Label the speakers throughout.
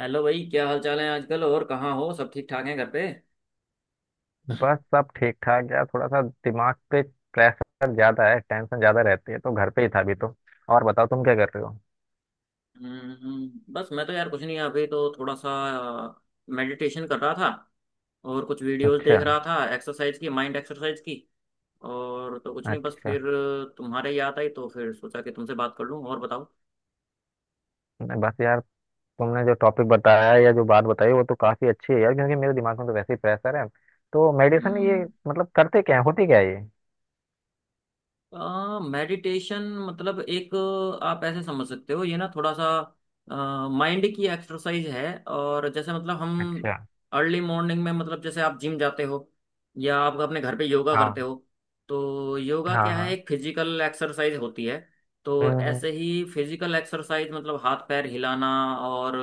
Speaker 1: Hello भाई, क्या हाल चाल है आजकल? और कहाँ हो? सब ठीक ठाक हैं घर पे? हम्म,
Speaker 2: बस सब ठीक ठाक यार, थोड़ा सा दिमाग पे प्रेशर ज्यादा है, टेंशन ज्यादा रहती है, तो घर पे ही था अभी तो। और बताओ, तुम क्या कर रहे हो?
Speaker 1: बस मैं तो यार कुछ नहीं, अभी तो थोड़ा सा मेडिटेशन कर रहा था और कुछ वीडियोस
Speaker 2: अच्छा।
Speaker 1: देख रहा था, एक्सरसाइज की, माइंड एक्सरसाइज की। और तो कुछ नहीं, बस
Speaker 2: अच्छा।
Speaker 1: फिर तुम्हारे याद आई तो फिर सोचा कि तुमसे बात कर लूँ। और बताओ।
Speaker 2: नहीं, बस यार, तुमने जो टॉपिक बताया है या जो बात बताई वो तो काफी अच्छी है यार, क्योंकि मेरे दिमाग में तो वैसे ही प्रेशर है। तो मेडिसिन
Speaker 1: हम्म।
Speaker 2: ये मतलब करते क्या है, होती क्या है ये?
Speaker 1: मेडिटेशन मतलब एक आप ऐसे समझ सकते हो, ये ना थोड़ा सा माइंड की एक्सरसाइज है। और जैसे मतलब हम
Speaker 2: अच्छा।
Speaker 1: अर्ली मॉर्निंग में, मतलब जैसे आप जिम जाते हो या आप अपने घर पे योगा करते
Speaker 2: हाँ
Speaker 1: हो। तो योगा
Speaker 2: हाँ
Speaker 1: क्या है?
Speaker 2: हाँ।
Speaker 1: एक फिजिकल एक्सरसाइज होती है। तो
Speaker 2: हम्म हम्म,
Speaker 1: ऐसे ही फिजिकल एक्सरसाइज मतलब हाथ पैर हिलाना और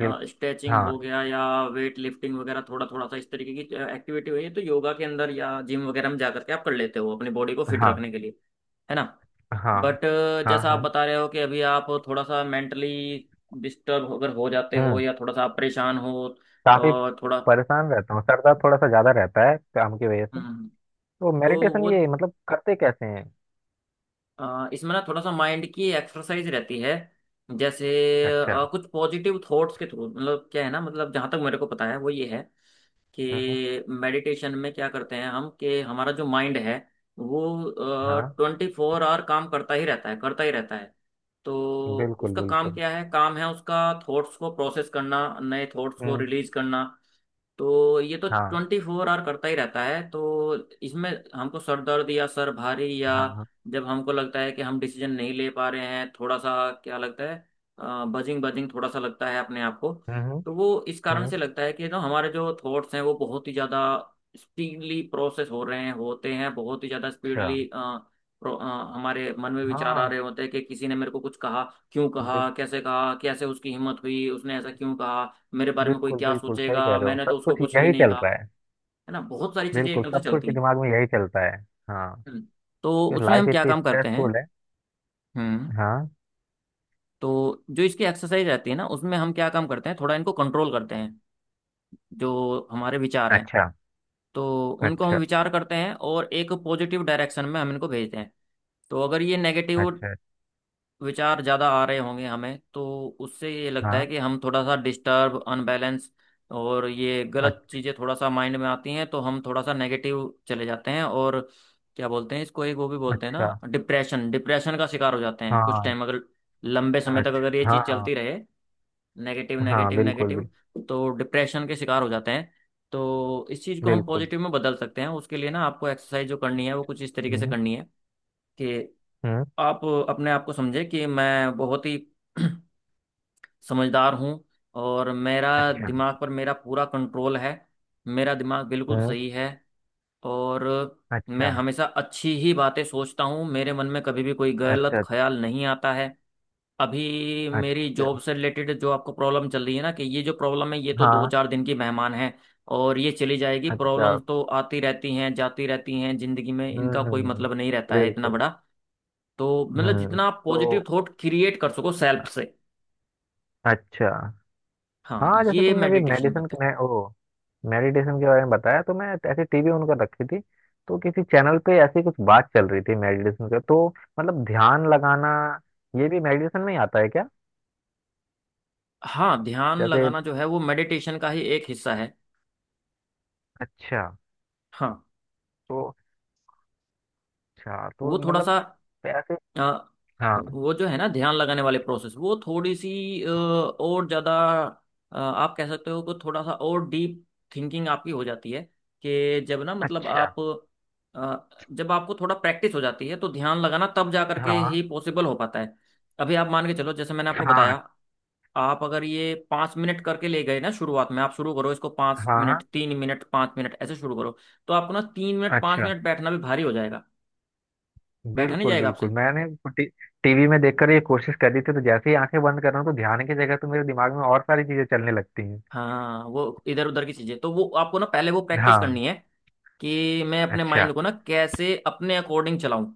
Speaker 2: बिल
Speaker 1: स्ट्रेचिंग
Speaker 2: हाँ
Speaker 1: हो गया या वेट लिफ्टिंग वगैरह, थोड़ा थोड़ा सा इस तरीके की एक्टिविटी हुई है तो योगा के अंदर या जिम वगैरह में जा करके आप कर लेते हो अपनी बॉडी को फिट
Speaker 2: हाँ
Speaker 1: रखने के लिए। है ना?
Speaker 2: हाँ
Speaker 1: बट
Speaker 2: हाँ
Speaker 1: जैसा आप
Speaker 2: हाँ।
Speaker 1: बता रहे हो कि अभी आप थोड़ा सा मेंटली डिस्टर्ब अगर हो जाते हो
Speaker 2: हम्म।
Speaker 1: या थोड़ा सा आप परेशान हो
Speaker 2: काफी
Speaker 1: और थोड़ा,
Speaker 2: परेशान रहता हूँ, सर दर्द थोड़ा सा ज्यादा रहता है काम की वजह से।
Speaker 1: हम्म,
Speaker 2: तो
Speaker 1: तो
Speaker 2: मेडिटेशन
Speaker 1: वो
Speaker 2: ये मतलब करते कैसे हैं?
Speaker 1: इसमें ना थोड़ा सा माइंड की एक्सरसाइज रहती है। जैसे
Speaker 2: अच्छा।
Speaker 1: कुछ पॉजिटिव थॉट्स के थ्रू, मतलब क्या है ना, मतलब जहाँ तक मेरे को पता है वो ये है
Speaker 2: हम्म हम्म,
Speaker 1: कि मेडिटेशन में क्या करते हैं हम, कि हमारा जो माइंड है वो
Speaker 2: हाँ।
Speaker 1: 24 hour काम करता ही रहता है, करता ही रहता है। तो
Speaker 2: बिल्कुल
Speaker 1: उसका काम
Speaker 2: बिल्कुल।
Speaker 1: क्या है? काम है उसका थॉट्स को प्रोसेस करना, नए थॉट्स को
Speaker 2: हम्म।
Speaker 1: रिलीज करना। तो ये तो
Speaker 2: हाँ
Speaker 1: 24 hour करता ही रहता है। तो इसमें हमको सर दर्द या सर भारी, या
Speaker 2: हाँ हाँ,
Speaker 1: जब हमको लगता है कि हम डिसीजन नहीं ले पा रहे हैं, थोड़ा सा क्या लगता है, बजिंग बजिंग थोड़ा सा लगता है अपने आप को,
Speaker 2: हम्म
Speaker 1: तो वो इस कारण
Speaker 2: हम्म।
Speaker 1: से लगता है कि जो हमारे जो थॉट्स हैं वो बहुत ही ज़्यादा स्पीडली प्रोसेस हो रहे हैं, होते हैं बहुत ही ज़्यादा
Speaker 2: अच्छा।
Speaker 1: स्पीडली। हमारे मन में विचार आ
Speaker 2: हाँ
Speaker 1: रहे होते हैं कि किसी ने मेरे को कुछ कहा, क्यों कहा,
Speaker 2: बिल,
Speaker 1: कैसे कहा, कैसे उसकी हिम्मत हुई, उसने ऐसा क्यों कहा, मेरे बारे में कोई
Speaker 2: बिल्कुल
Speaker 1: क्या
Speaker 2: बिल्कुल सही
Speaker 1: सोचेगा,
Speaker 2: कह रहे हो,
Speaker 1: मैंने तो
Speaker 2: सब
Speaker 1: उसको
Speaker 2: कुछ
Speaker 1: कुछ भी
Speaker 2: यही
Speaker 1: नहीं
Speaker 2: चल
Speaker 1: कहा।
Speaker 2: रहा है।
Speaker 1: है ना, बहुत सारी चीजें
Speaker 2: बिल्कुल,
Speaker 1: एकदम से
Speaker 2: सब कुछ
Speaker 1: चलती हैं।
Speaker 2: दिमाग में यही चलता है। हाँ।
Speaker 1: हम्म, तो
Speaker 2: ये
Speaker 1: उसमें
Speaker 2: लाइफ
Speaker 1: हम क्या
Speaker 2: इतनी
Speaker 1: काम करते हैं।
Speaker 2: स्ट्रेसफुल है।
Speaker 1: हम्म।
Speaker 2: हाँ।
Speaker 1: तो जो इसकी एक्सरसाइज रहती है ना, उसमें हम क्या काम करते हैं, थोड़ा इनको कंट्रोल करते हैं, जो हमारे विचार हैं।
Speaker 2: अच्छा।
Speaker 1: तो उनको हम
Speaker 2: अच्छा।
Speaker 1: विचार करते हैं और एक पॉजिटिव डायरेक्शन में हम इनको भेजते हैं। तो अगर ये नेगेटिव
Speaker 2: अच्छा।
Speaker 1: विचार ज़्यादा आ रहे होंगे हमें, तो उससे ये लगता
Speaker 2: हाँ।
Speaker 1: है कि हम थोड़ा सा डिस्टर्ब, अनबैलेंस और ये गलत
Speaker 2: अच-
Speaker 1: चीज़ें थोड़ा सा माइंड में आती हैं तो हम थोड़ा सा नेगेटिव चले जाते हैं और क्या बोलते हैं इसको, एक वो भी बोलते हैं
Speaker 2: अच्छा।
Speaker 1: ना, डिप्रेशन, डिप्रेशन का शिकार हो जाते हैं कुछ
Speaker 2: हाँ।
Speaker 1: टाइम अगर, लंबे समय तक
Speaker 2: अच्छा।
Speaker 1: अगर ये
Speaker 2: हाँ
Speaker 1: चीज़
Speaker 2: हाँ
Speaker 1: चलती रहे, नेगेटिव
Speaker 2: हाँ
Speaker 1: नेगेटिव
Speaker 2: बिल्कुल
Speaker 1: नेगेटिव, तो डिप्रेशन के शिकार हो जाते हैं। तो इस चीज़ को हम
Speaker 2: बिल्कुल।
Speaker 1: पॉजिटिव में बदल सकते हैं, उसके लिए ना आपको एक्सरसाइज जो करनी है वो कुछ इस तरीके से
Speaker 2: हम्म
Speaker 1: करनी है कि
Speaker 2: हम्म।
Speaker 1: आप अपने आप को समझे कि मैं बहुत ही समझदार हूँ और मेरा
Speaker 2: अच्छा।
Speaker 1: दिमाग पर मेरा पूरा कंट्रोल है। मेरा दिमाग बिल्कुल
Speaker 2: हम्म।
Speaker 1: सही है और मैं
Speaker 2: अच्छा।
Speaker 1: हमेशा अच्छी ही बातें सोचता हूँ, मेरे मन में कभी भी कोई गलत
Speaker 2: अच्छा।
Speaker 1: ख्याल नहीं आता है। अभी मेरी
Speaker 2: अच्छा।
Speaker 1: जॉब से रिलेटेड जो आपको प्रॉब्लम चल रही है ना, कि ये जो प्रॉब्लम है ये तो दो
Speaker 2: हाँ।
Speaker 1: चार दिन की मेहमान है और ये चली जाएगी।
Speaker 2: अच्छा।
Speaker 1: प्रॉब्लम तो आती रहती हैं जाती रहती हैं जिंदगी में,
Speaker 2: हम्म
Speaker 1: इनका कोई
Speaker 2: हम्म हम्म,
Speaker 1: मतलब नहीं रहता है इतना
Speaker 2: बिल्कुल।
Speaker 1: बड़ा। तो मतलब
Speaker 2: हम्म।
Speaker 1: जितना आप पॉजिटिव
Speaker 2: तो
Speaker 1: थॉट क्रिएट कर सको सेल्फ से,
Speaker 2: अच्छा।
Speaker 1: हाँ
Speaker 2: हाँ, जैसे
Speaker 1: ये
Speaker 2: तुमने अभी
Speaker 1: मेडिटेशन
Speaker 2: मेडिसिन
Speaker 1: मेथड।
Speaker 2: में ओ मेडिटेशन के बारे में बताया, तो मैं ऐसे टीवी उनका रखी थी। तो किसी चैनल पे ऐसी कुछ बात चल रही थी मेडिटेशन का। तो मतलब ध्यान लगाना, ये भी मेडिटेशन में ही आता है क्या?
Speaker 1: हाँ, ध्यान
Speaker 2: जैसे,
Speaker 1: लगाना जो है वो मेडिटेशन का ही एक हिस्सा है।
Speaker 2: अच्छा।
Speaker 1: हाँ।
Speaker 2: तो अच्छा, तो
Speaker 1: वो थोड़ा
Speaker 2: मतलब
Speaker 1: सा
Speaker 2: ऐसे।
Speaker 1: अ,
Speaker 2: हाँ।
Speaker 1: वो जो है ना ध्यान लगाने वाले प्रोसेस, वो थोड़ी सी और ज्यादा आप कह सकते हो कि थोड़ा सा और डीप थिंकिंग आपकी हो जाती है। कि जब ना मतलब
Speaker 2: अच्छा।
Speaker 1: आप जब आपको थोड़ा प्रैक्टिस हो जाती है तो ध्यान लगाना तब जा करके
Speaker 2: हाँ
Speaker 1: ही पॉसिबल हो पाता है। अभी आप मान के चलो, जैसे मैंने आपको बताया,
Speaker 2: हाँ
Speaker 1: आप अगर ये 5 मिनट करके ले गए ना शुरुआत में, आप शुरू करो इसको पाँच
Speaker 2: हाँ हाँ।
Speaker 1: मिनट 3 मिनट 5 मिनट, ऐसे शुरू करो। तो आपको ना तीन मिनट पाँच
Speaker 2: अच्छा।
Speaker 1: मिनट बैठना भी भारी हो जाएगा, बैठा नहीं
Speaker 2: बिल्कुल
Speaker 1: जाएगा आपसे।
Speaker 2: बिल्कुल, मैंने टी, टीवी में देखकर ये कोशिश करी थी, तो जैसे ही आंखें बंद कर रहा हूँ तो ध्यान की जगह तो मेरे दिमाग में और सारी चीजें चलने लगती हैं।
Speaker 1: हाँ, वो इधर उधर की चीजें, तो वो आपको ना पहले वो प्रैक्टिस
Speaker 2: हाँ।
Speaker 1: करनी है कि मैं अपने
Speaker 2: अच्छा।
Speaker 1: माइंड को ना कैसे अपने अकॉर्डिंग चलाऊं।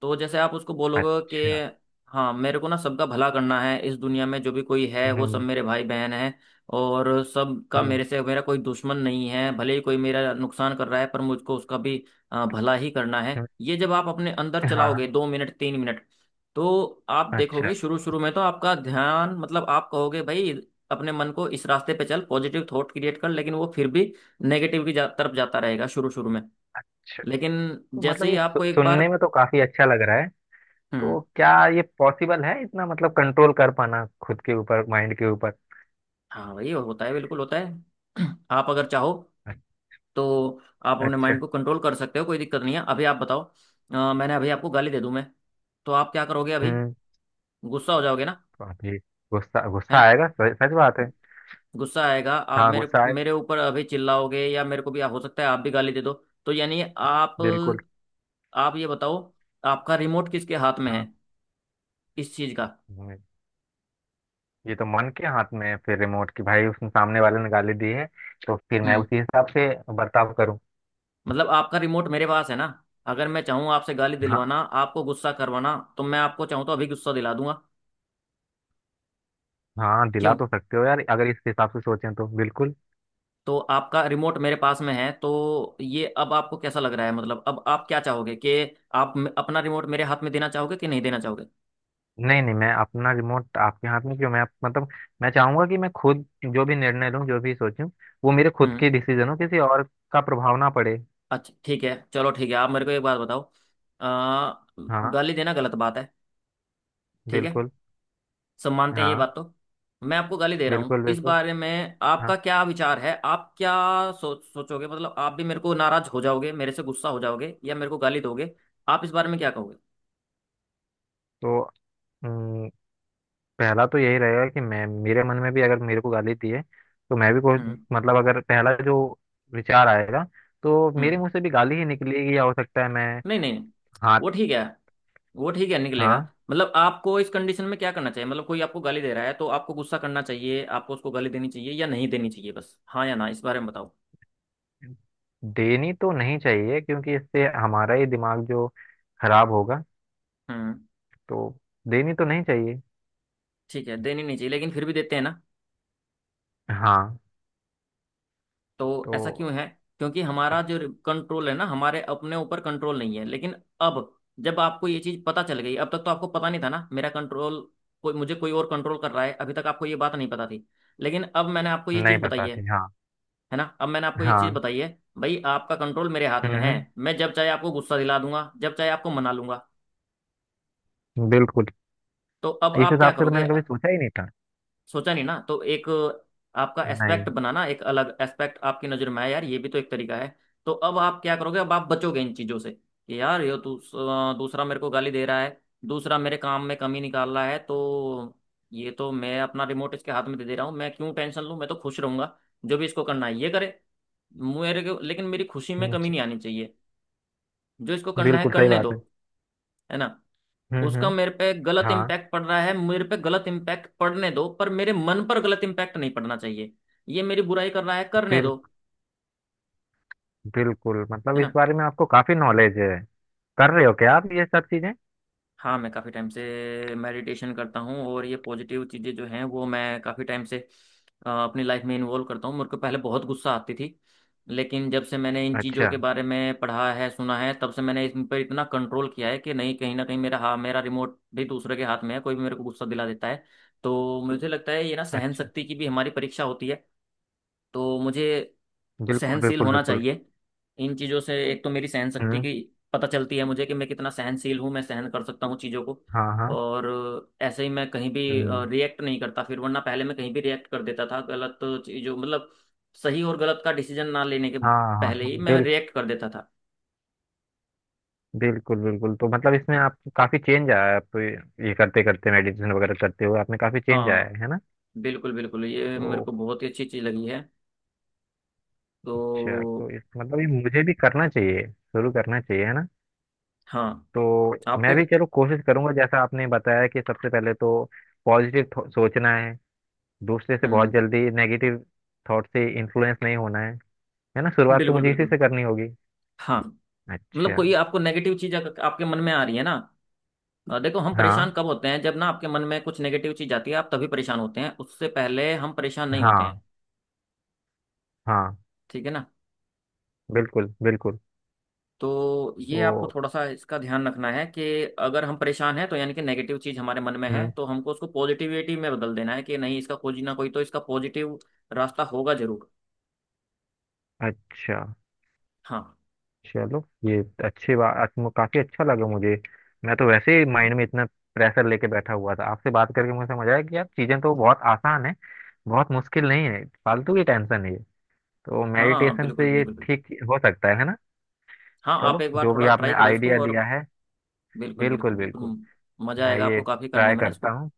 Speaker 1: तो जैसे आप उसको बोलोगे
Speaker 2: अच्छा।
Speaker 1: कि हाँ मेरे को ना सबका भला करना है, इस दुनिया में जो भी कोई है वो सब
Speaker 2: हम्म
Speaker 1: मेरे भाई बहन है और सबका
Speaker 2: हम्म
Speaker 1: मेरे से, मेरा कोई दुश्मन नहीं है, भले ही कोई मेरा नुकसान कर रहा है पर मुझको उसका भी भला ही करना है।
Speaker 2: हम्म,
Speaker 1: ये जब आप अपने अंदर चलाओगे
Speaker 2: हाँ।
Speaker 1: 2 मिनट 3 मिनट, तो आप
Speaker 2: अच्छा।
Speaker 1: देखोगे शुरू शुरू में तो आपका ध्यान, मतलब आप कहोगे भाई अपने मन को इस रास्ते पे चल, पॉजिटिव थॉट क्रिएट कर, लेकिन वो फिर भी नेगेटिव की तरफ जाता रहेगा शुरू शुरू में।
Speaker 2: अच्छा,
Speaker 1: लेकिन
Speaker 2: तो
Speaker 1: जैसे
Speaker 2: मतलब
Speaker 1: ही
Speaker 2: ये
Speaker 1: आपको एक बार,
Speaker 2: सुनने में तो काफी अच्छा लग रहा है।
Speaker 1: हम्म,
Speaker 2: तो क्या ये पॉसिबल है इतना, मतलब कंट्रोल कर पाना खुद के ऊपर, माइंड के ऊपर?
Speaker 1: हाँ वही होता है, बिल्कुल होता है। आप अगर चाहो तो आप अपने
Speaker 2: अच्छा।
Speaker 1: माइंड को कंट्रोल कर सकते हो, कोई दिक्कत नहीं है। अभी आप बताओ, मैंने अभी आपको गाली दे दूं मैं, तो आप क्या करोगे अभी?
Speaker 2: हम्म।
Speaker 1: गुस्सा हो जाओगे ना।
Speaker 2: बाप रे। गुस्सा गुस्सा
Speaker 1: है,
Speaker 2: आएगा, सच सच बात है।
Speaker 1: गुस्सा आएगा, आप
Speaker 2: हाँ,
Speaker 1: मेरे
Speaker 2: गुस्सा आए।
Speaker 1: मेरे ऊपर अभी चिल्लाओगे या मेरे को भी, हो सकता है आप भी गाली दे दो। तो यानी आप
Speaker 2: बिल्कुल।
Speaker 1: आप ये बताओ आपका रिमोट किसके हाथ में है,
Speaker 2: हाँ।
Speaker 1: इस चीज का?
Speaker 2: हम्म। ये तो मन के हाथ में है फिर रिमोट की, भाई उसने सामने वाले ने गाली दी है, तो फिर मैं
Speaker 1: हम्म।
Speaker 2: उसी हिसाब से बर्ताव करूँ।
Speaker 1: मतलब आपका रिमोट मेरे पास है ना, अगर मैं चाहूँ आपसे गाली
Speaker 2: हाँ,
Speaker 1: दिलवाना, आपको गुस्सा करवाना, तो मैं आपको चाहूँ तो अभी गुस्सा दिला दूंगा।
Speaker 2: हाँ दिला
Speaker 1: क्यों?
Speaker 2: तो सकते हो यार, अगर इस हिसाब से सोचें तो बिल्कुल।
Speaker 1: तो आपका रिमोट मेरे पास में है तो ये अब आपको कैसा लग रहा है? मतलब अब आप क्या चाहोगे कि आप अपना रिमोट मेरे हाथ में देना चाहोगे कि नहीं देना चाहोगे?
Speaker 2: नहीं नहीं, मैं अपना रिमोट आपके हाथ में क्यों, मैं मतलब मैं चाहूंगा कि मैं खुद जो भी निर्णय लूँ जो भी सोचूं, वो मेरे खुद
Speaker 1: हम्म।
Speaker 2: के डिसीजन हो, किसी और का प्रभाव ना पड़े।
Speaker 1: अच्छा, ठीक है, चलो ठीक है, आप मेरे को एक बात बताओ, आ,
Speaker 2: हाँ।
Speaker 1: गाली देना गलत बात है, ठीक है?
Speaker 2: बिल्कुल।
Speaker 1: सब मानते हैं ये
Speaker 2: हाँ।
Speaker 1: बात तो। मैं आपको गाली दे रहा हूँ,
Speaker 2: बिल्कुल
Speaker 1: इस
Speaker 2: बिल्कुल।
Speaker 1: बारे में
Speaker 2: हाँ।
Speaker 1: आपका क्या विचार है, आप क्या सोचोगे, मतलब आप भी मेरे को नाराज हो जाओगे, मेरे से गुस्सा हो जाओगे या मेरे को गाली दोगे? आप इस बारे में क्या कहोगे?
Speaker 2: तो हम्म, पहला तो यही रहेगा कि मैं, मेरे मन में भी अगर मेरे को गाली दी है तो मैं भी कोई,
Speaker 1: हम्म
Speaker 2: मतलब अगर पहला जो विचार आएगा तो मेरे
Speaker 1: हम्म
Speaker 2: मुंह से भी गाली ही निकलेगी, या हो सकता है मैं
Speaker 1: नहीं नहीं नहीं।
Speaker 2: हाथ।
Speaker 1: वो ठीक है, वो ठीक है निकलेगा।
Speaker 2: हाँ।
Speaker 1: मतलब आपको इस कंडीशन में क्या करना चाहिए, मतलब कोई आपको गाली दे रहा है तो आपको गुस्सा करना चाहिए, आपको उसको गाली देनी चाहिए या नहीं देनी चाहिए? बस हाँ या ना इस बारे में बताओ।
Speaker 2: देनी तो नहीं चाहिए, क्योंकि इससे हमारा ही दिमाग जो खराब होगा,
Speaker 1: हम्म
Speaker 2: तो देनी तो नहीं चाहिए।
Speaker 1: ठीक है, देनी नहीं चाहिए, लेकिन फिर भी देते हैं ना,
Speaker 2: हाँ।
Speaker 1: तो ऐसा
Speaker 2: तो
Speaker 1: क्यों है? क्योंकि हमारा जो कंट्रोल है ना, हमारे अपने ऊपर कंट्रोल नहीं है। लेकिन अब जब आपको ये चीज पता चल गई, अब तक तो आपको पता नहीं था ना, मेरा कंट्रोल, कोई मुझे, कोई और कंट्रोल कर रहा है, अभी तक आपको ये बात नहीं पता थी। लेकिन अब मैंने आपको ये
Speaker 2: नहीं
Speaker 1: चीज बताई
Speaker 2: पता
Speaker 1: है
Speaker 2: थी, हाँ।
Speaker 1: है ना? अब मैंने आपको एक चीज
Speaker 2: हाँ।
Speaker 1: बताई है, भाई आपका कंट्रोल मेरे हाथ में है।
Speaker 2: हम्म
Speaker 1: मैं जब चाहे आपको गुस्सा दिला दूंगा, जब चाहे आपको मना लूंगा।
Speaker 2: बिल्कुल।
Speaker 1: तो अब
Speaker 2: इस
Speaker 1: आप क्या
Speaker 2: हिसाब से तो
Speaker 1: करोगे?
Speaker 2: मैंने कभी सोचा ही नहीं था।
Speaker 1: सोचा नहीं ना। तो एक आपका
Speaker 2: नहीं।
Speaker 1: एस्पेक्ट बनाना, एक अलग एस्पेक्ट आपकी नजर में आया यार, ये भी तो एक तरीका है। तो अब आप क्या करोगे, अब आप बचोगे इन चीजों से कि यार ये दूसरा मेरे को गाली दे रहा है, दूसरा मेरे काम में कमी निकाल रहा है, तो ये तो मैं अपना रिमोट इसके हाथ में दे दे रहा हूँ, मैं क्यों टेंशन लूँ, मैं तो खुश रहूंगा, जो भी इसको करना है ये करे, मेरे को लेकिन मेरी खुशी में
Speaker 2: हम्म,
Speaker 1: कमी नहीं आनी चाहिए। जो इसको करना है
Speaker 2: बिल्कुल सही
Speaker 1: करने दो,
Speaker 2: बात है।
Speaker 1: है ना। उसका
Speaker 2: हम्म।
Speaker 1: मेरे पे गलत
Speaker 2: हाँ।
Speaker 1: इम्पैक्ट पड़ रहा है, मेरे पे गलत इम्पैक्ट पड़ने दो, पर मेरे मन पर गलत इम्पैक्ट नहीं पड़ना चाहिए। ये मेरी बुराई कर रहा है, करने दो,
Speaker 2: बिल्कुल बिल्कुल, मतलब
Speaker 1: है
Speaker 2: इस
Speaker 1: ना।
Speaker 2: बारे में आपको काफी नॉलेज है। कर रहे हो क्या आप ये सब चीजें?
Speaker 1: हाँ, मैं काफ़ी टाइम से मेडिटेशन करता हूँ और ये पॉजिटिव चीज़ें जो हैं वो मैं काफ़ी टाइम से अपनी लाइफ में इन्वॉल्व करता हूँ। मेरे को पहले बहुत गुस्सा आती थी, लेकिन जब से मैंने इन चीज़ों
Speaker 2: अच्छा।
Speaker 1: के बारे में पढ़ा है सुना है, तब से मैंने इन पर इतना कंट्रोल किया है कि नहीं, कहीं ना कहीं मेरा, हाँ मेरा रिमोट भी दूसरे के हाथ में है, कोई भी मेरे को गुस्सा दिला देता है। तो मुझे लगता है ये ना सहन
Speaker 2: अच्छा।
Speaker 1: शक्ति की भी हमारी परीक्षा होती है। तो मुझे
Speaker 2: बिल्कुल
Speaker 1: सहनशील
Speaker 2: बिल्कुल
Speaker 1: होना
Speaker 2: बिल्कुल।
Speaker 1: चाहिए इन चीज़ों से, एक तो मेरी सहन शक्ति
Speaker 2: हम्म।
Speaker 1: की पता चलती है मुझे कि मैं कितना सहनशील हूँ, मैं सहन कर सकता हूँ चीज़ों को।
Speaker 2: हाँ हाँ।
Speaker 1: और ऐसे ही मैं कहीं भी
Speaker 2: हम्म।
Speaker 1: रिएक्ट नहीं करता फिर, वरना पहले मैं कहीं भी रिएक्ट कर देता था गलत चीज़ों, मतलब सही और गलत का डिसीजन ना लेने के
Speaker 2: हाँ हाँ
Speaker 1: पहले
Speaker 2: हाँ
Speaker 1: ही मैं
Speaker 2: बिल्कुल।
Speaker 1: रिएक्ट कर देता था।
Speaker 2: बिल्कुल बिल्कुल, तो मतलब इसमें आप काफी चेंज आया है। आप ये करते करते मेडिटेशन वगैरह करते हुए आपने काफी चेंज आया
Speaker 1: हाँ
Speaker 2: है ना?
Speaker 1: बिल्कुल बिल्कुल, ये मेरे
Speaker 2: तो
Speaker 1: को बहुत ही अच्छी चीज़ लगी है।
Speaker 2: अच्छा,
Speaker 1: तो
Speaker 2: तो इस मतलब ये मुझे भी करना चाहिए, शुरू करना चाहिए, है ना?
Speaker 1: हाँ,
Speaker 2: तो मैं
Speaker 1: आपको,
Speaker 2: भी चलो कोशिश करूंगा, जैसा आपने बताया कि सबसे पहले तो पॉजिटिव सोचना है, दूसरे से बहुत
Speaker 1: हम्म,
Speaker 2: जल्दी नेगेटिव थॉट से इन्फ्लुएंस नहीं होना है ना? शुरुआत तो
Speaker 1: बिल्कुल
Speaker 2: मुझे इसी
Speaker 1: बिल्कुल।
Speaker 2: से करनी होगी।
Speaker 1: हाँ, मतलब
Speaker 2: अच्छा।
Speaker 1: कोई आपको नेगेटिव चीज़ अगर आपके मन में आ रही है ना, देखो हम परेशान
Speaker 2: हाँ
Speaker 1: कब होते हैं, जब ना आपके मन में कुछ नेगेटिव चीज आती है आप तभी परेशान होते हैं, उससे पहले हम परेशान नहीं होते
Speaker 2: हाँ
Speaker 1: हैं,
Speaker 2: हाँ।
Speaker 1: ठीक है ना?
Speaker 2: बिल्कुल बिल्कुल।
Speaker 1: तो ये आपको
Speaker 2: तो
Speaker 1: थोड़ा सा इसका ध्यान रखना है कि अगर हम परेशान हैं तो यानी कि नेगेटिव चीज हमारे मन में है,
Speaker 2: हम्म।
Speaker 1: तो हमको उसको पॉजिटिविटी में बदल देना है, कि नहीं, इसका कोई ना कोई तो इसका पॉजिटिव रास्ता होगा जरूर।
Speaker 2: अच्छा।
Speaker 1: हाँ
Speaker 2: चलो ये अच्छी बात, काफी अच्छा लगा मुझे। मैं तो वैसे ही माइंड में इतना प्रेशर लेके बैठा हुआ था, आपसे बात करके मुझे समझ आया कि यार चीजें तो बहुत आसान है, बहुत मुश्किल नहीं है, फालतू की टेंशन है ये। तो
Speaker 1: हाँ,
Speaker 2: मेडिटेशन
Speaker 1: बिल्कुल
Speaker 2: से ये
Speaker 1: बिल्कुल बिल्कुल।
Speaker 2: ठीक हो सकता है ना?
Speaker 1: हाँ,
Speaker 2: चलो
Speaker 1: आप एक बार
Speaker 2: जो भी
Speaker 1: थोड़ा
Speaker 2: आपने
Speaker 1: ट्राई करो इसको
Speaker 2: आइडिया
Speaker 1: और
Speaker 2: दिया है।
Speaker 1: बिल्कुल
Speaker 2: बिल्कुल
Speaker 1: बिल्कुल
Speaker 2: बिल्कुल।
Speaker 1: बिल्कुल, मजा
Speaker 2: मैं
Speaker 1: आएगा
Speaker 2: ये
Speaker 1: आपको काफी करने
Speaker 2: ट्राई
Speaker 1: में ना
Speaker 2: करता
Speaker 1: इसको।
Speaker 2: हूँ।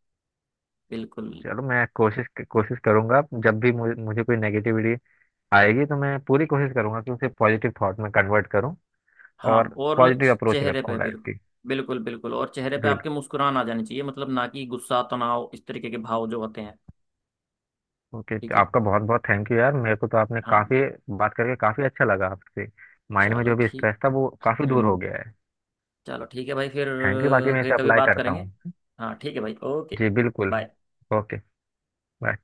Speaker 1: बिल्कुल।
Speaker 2: चलो मैं कोशिश कोशिश करूंगा, जब भी मुझे कोई नेगेटिविटी आएगी तो मैं पूरी कोशिश करूंगा कि उसे पॉजिटिव थॉट में कन्वर्ट करूँ।
Speaker 1: हाँ,
Speaker 2: और
Speaker 1: और वो
Speaker 2: पॉजिटिव अप्रोच
Speaker 1: चेहरे पे,
Speaker 2: रखूँ लाइफ
Speaker 1: बिल्कुल
Speaker 2: की।
Speaker 1: बिल्कुल बिल्कुल और चेहरे पे
Speaker 2: बिल्कुल।
Speaker 1: आपके मुस्कुराहट आ जानी चाहिए, मतलब ना कि गुस्सा, तनाव, इस तरीके के भाव जो होते हैं।
Speaker 2: ओके,
Speaker 1: ठीक है।
Speaker 2: आपका बहुत बहुत थैंक यू यार, मेरे को तो आपने
Speaker 1: हाँ
Speaker 2: काफ़ी बात करके काफ़ी अच्छा लगा आपसे। माइंड में
Speaker 1: चलो
Speaker 2: जो भी
Speaker 1: ठीक।
Speaker 2: स्ट्रेस था वो काफ़ी दूर
Speaker 1: हम्म।
Speaker 2: हो गया है।
Speaker 1: चलो ठीक है भाई फिर
Speaker 2: थैंक यू, बाकी मैं इसे
Speaker 1: फिर कभी
Speaker 2: अप्लाई
Speaker 1: बात
Speaker 2: करता
Speaker 1: करेंगे।
Speaker 2: हूँ।
Speaker 1: हाँ ठीक है भाई, ओके,
Speaker 2: जी बिल्कुल।
Speaker 1: बाय।
Speaker 2: ओके। बाय।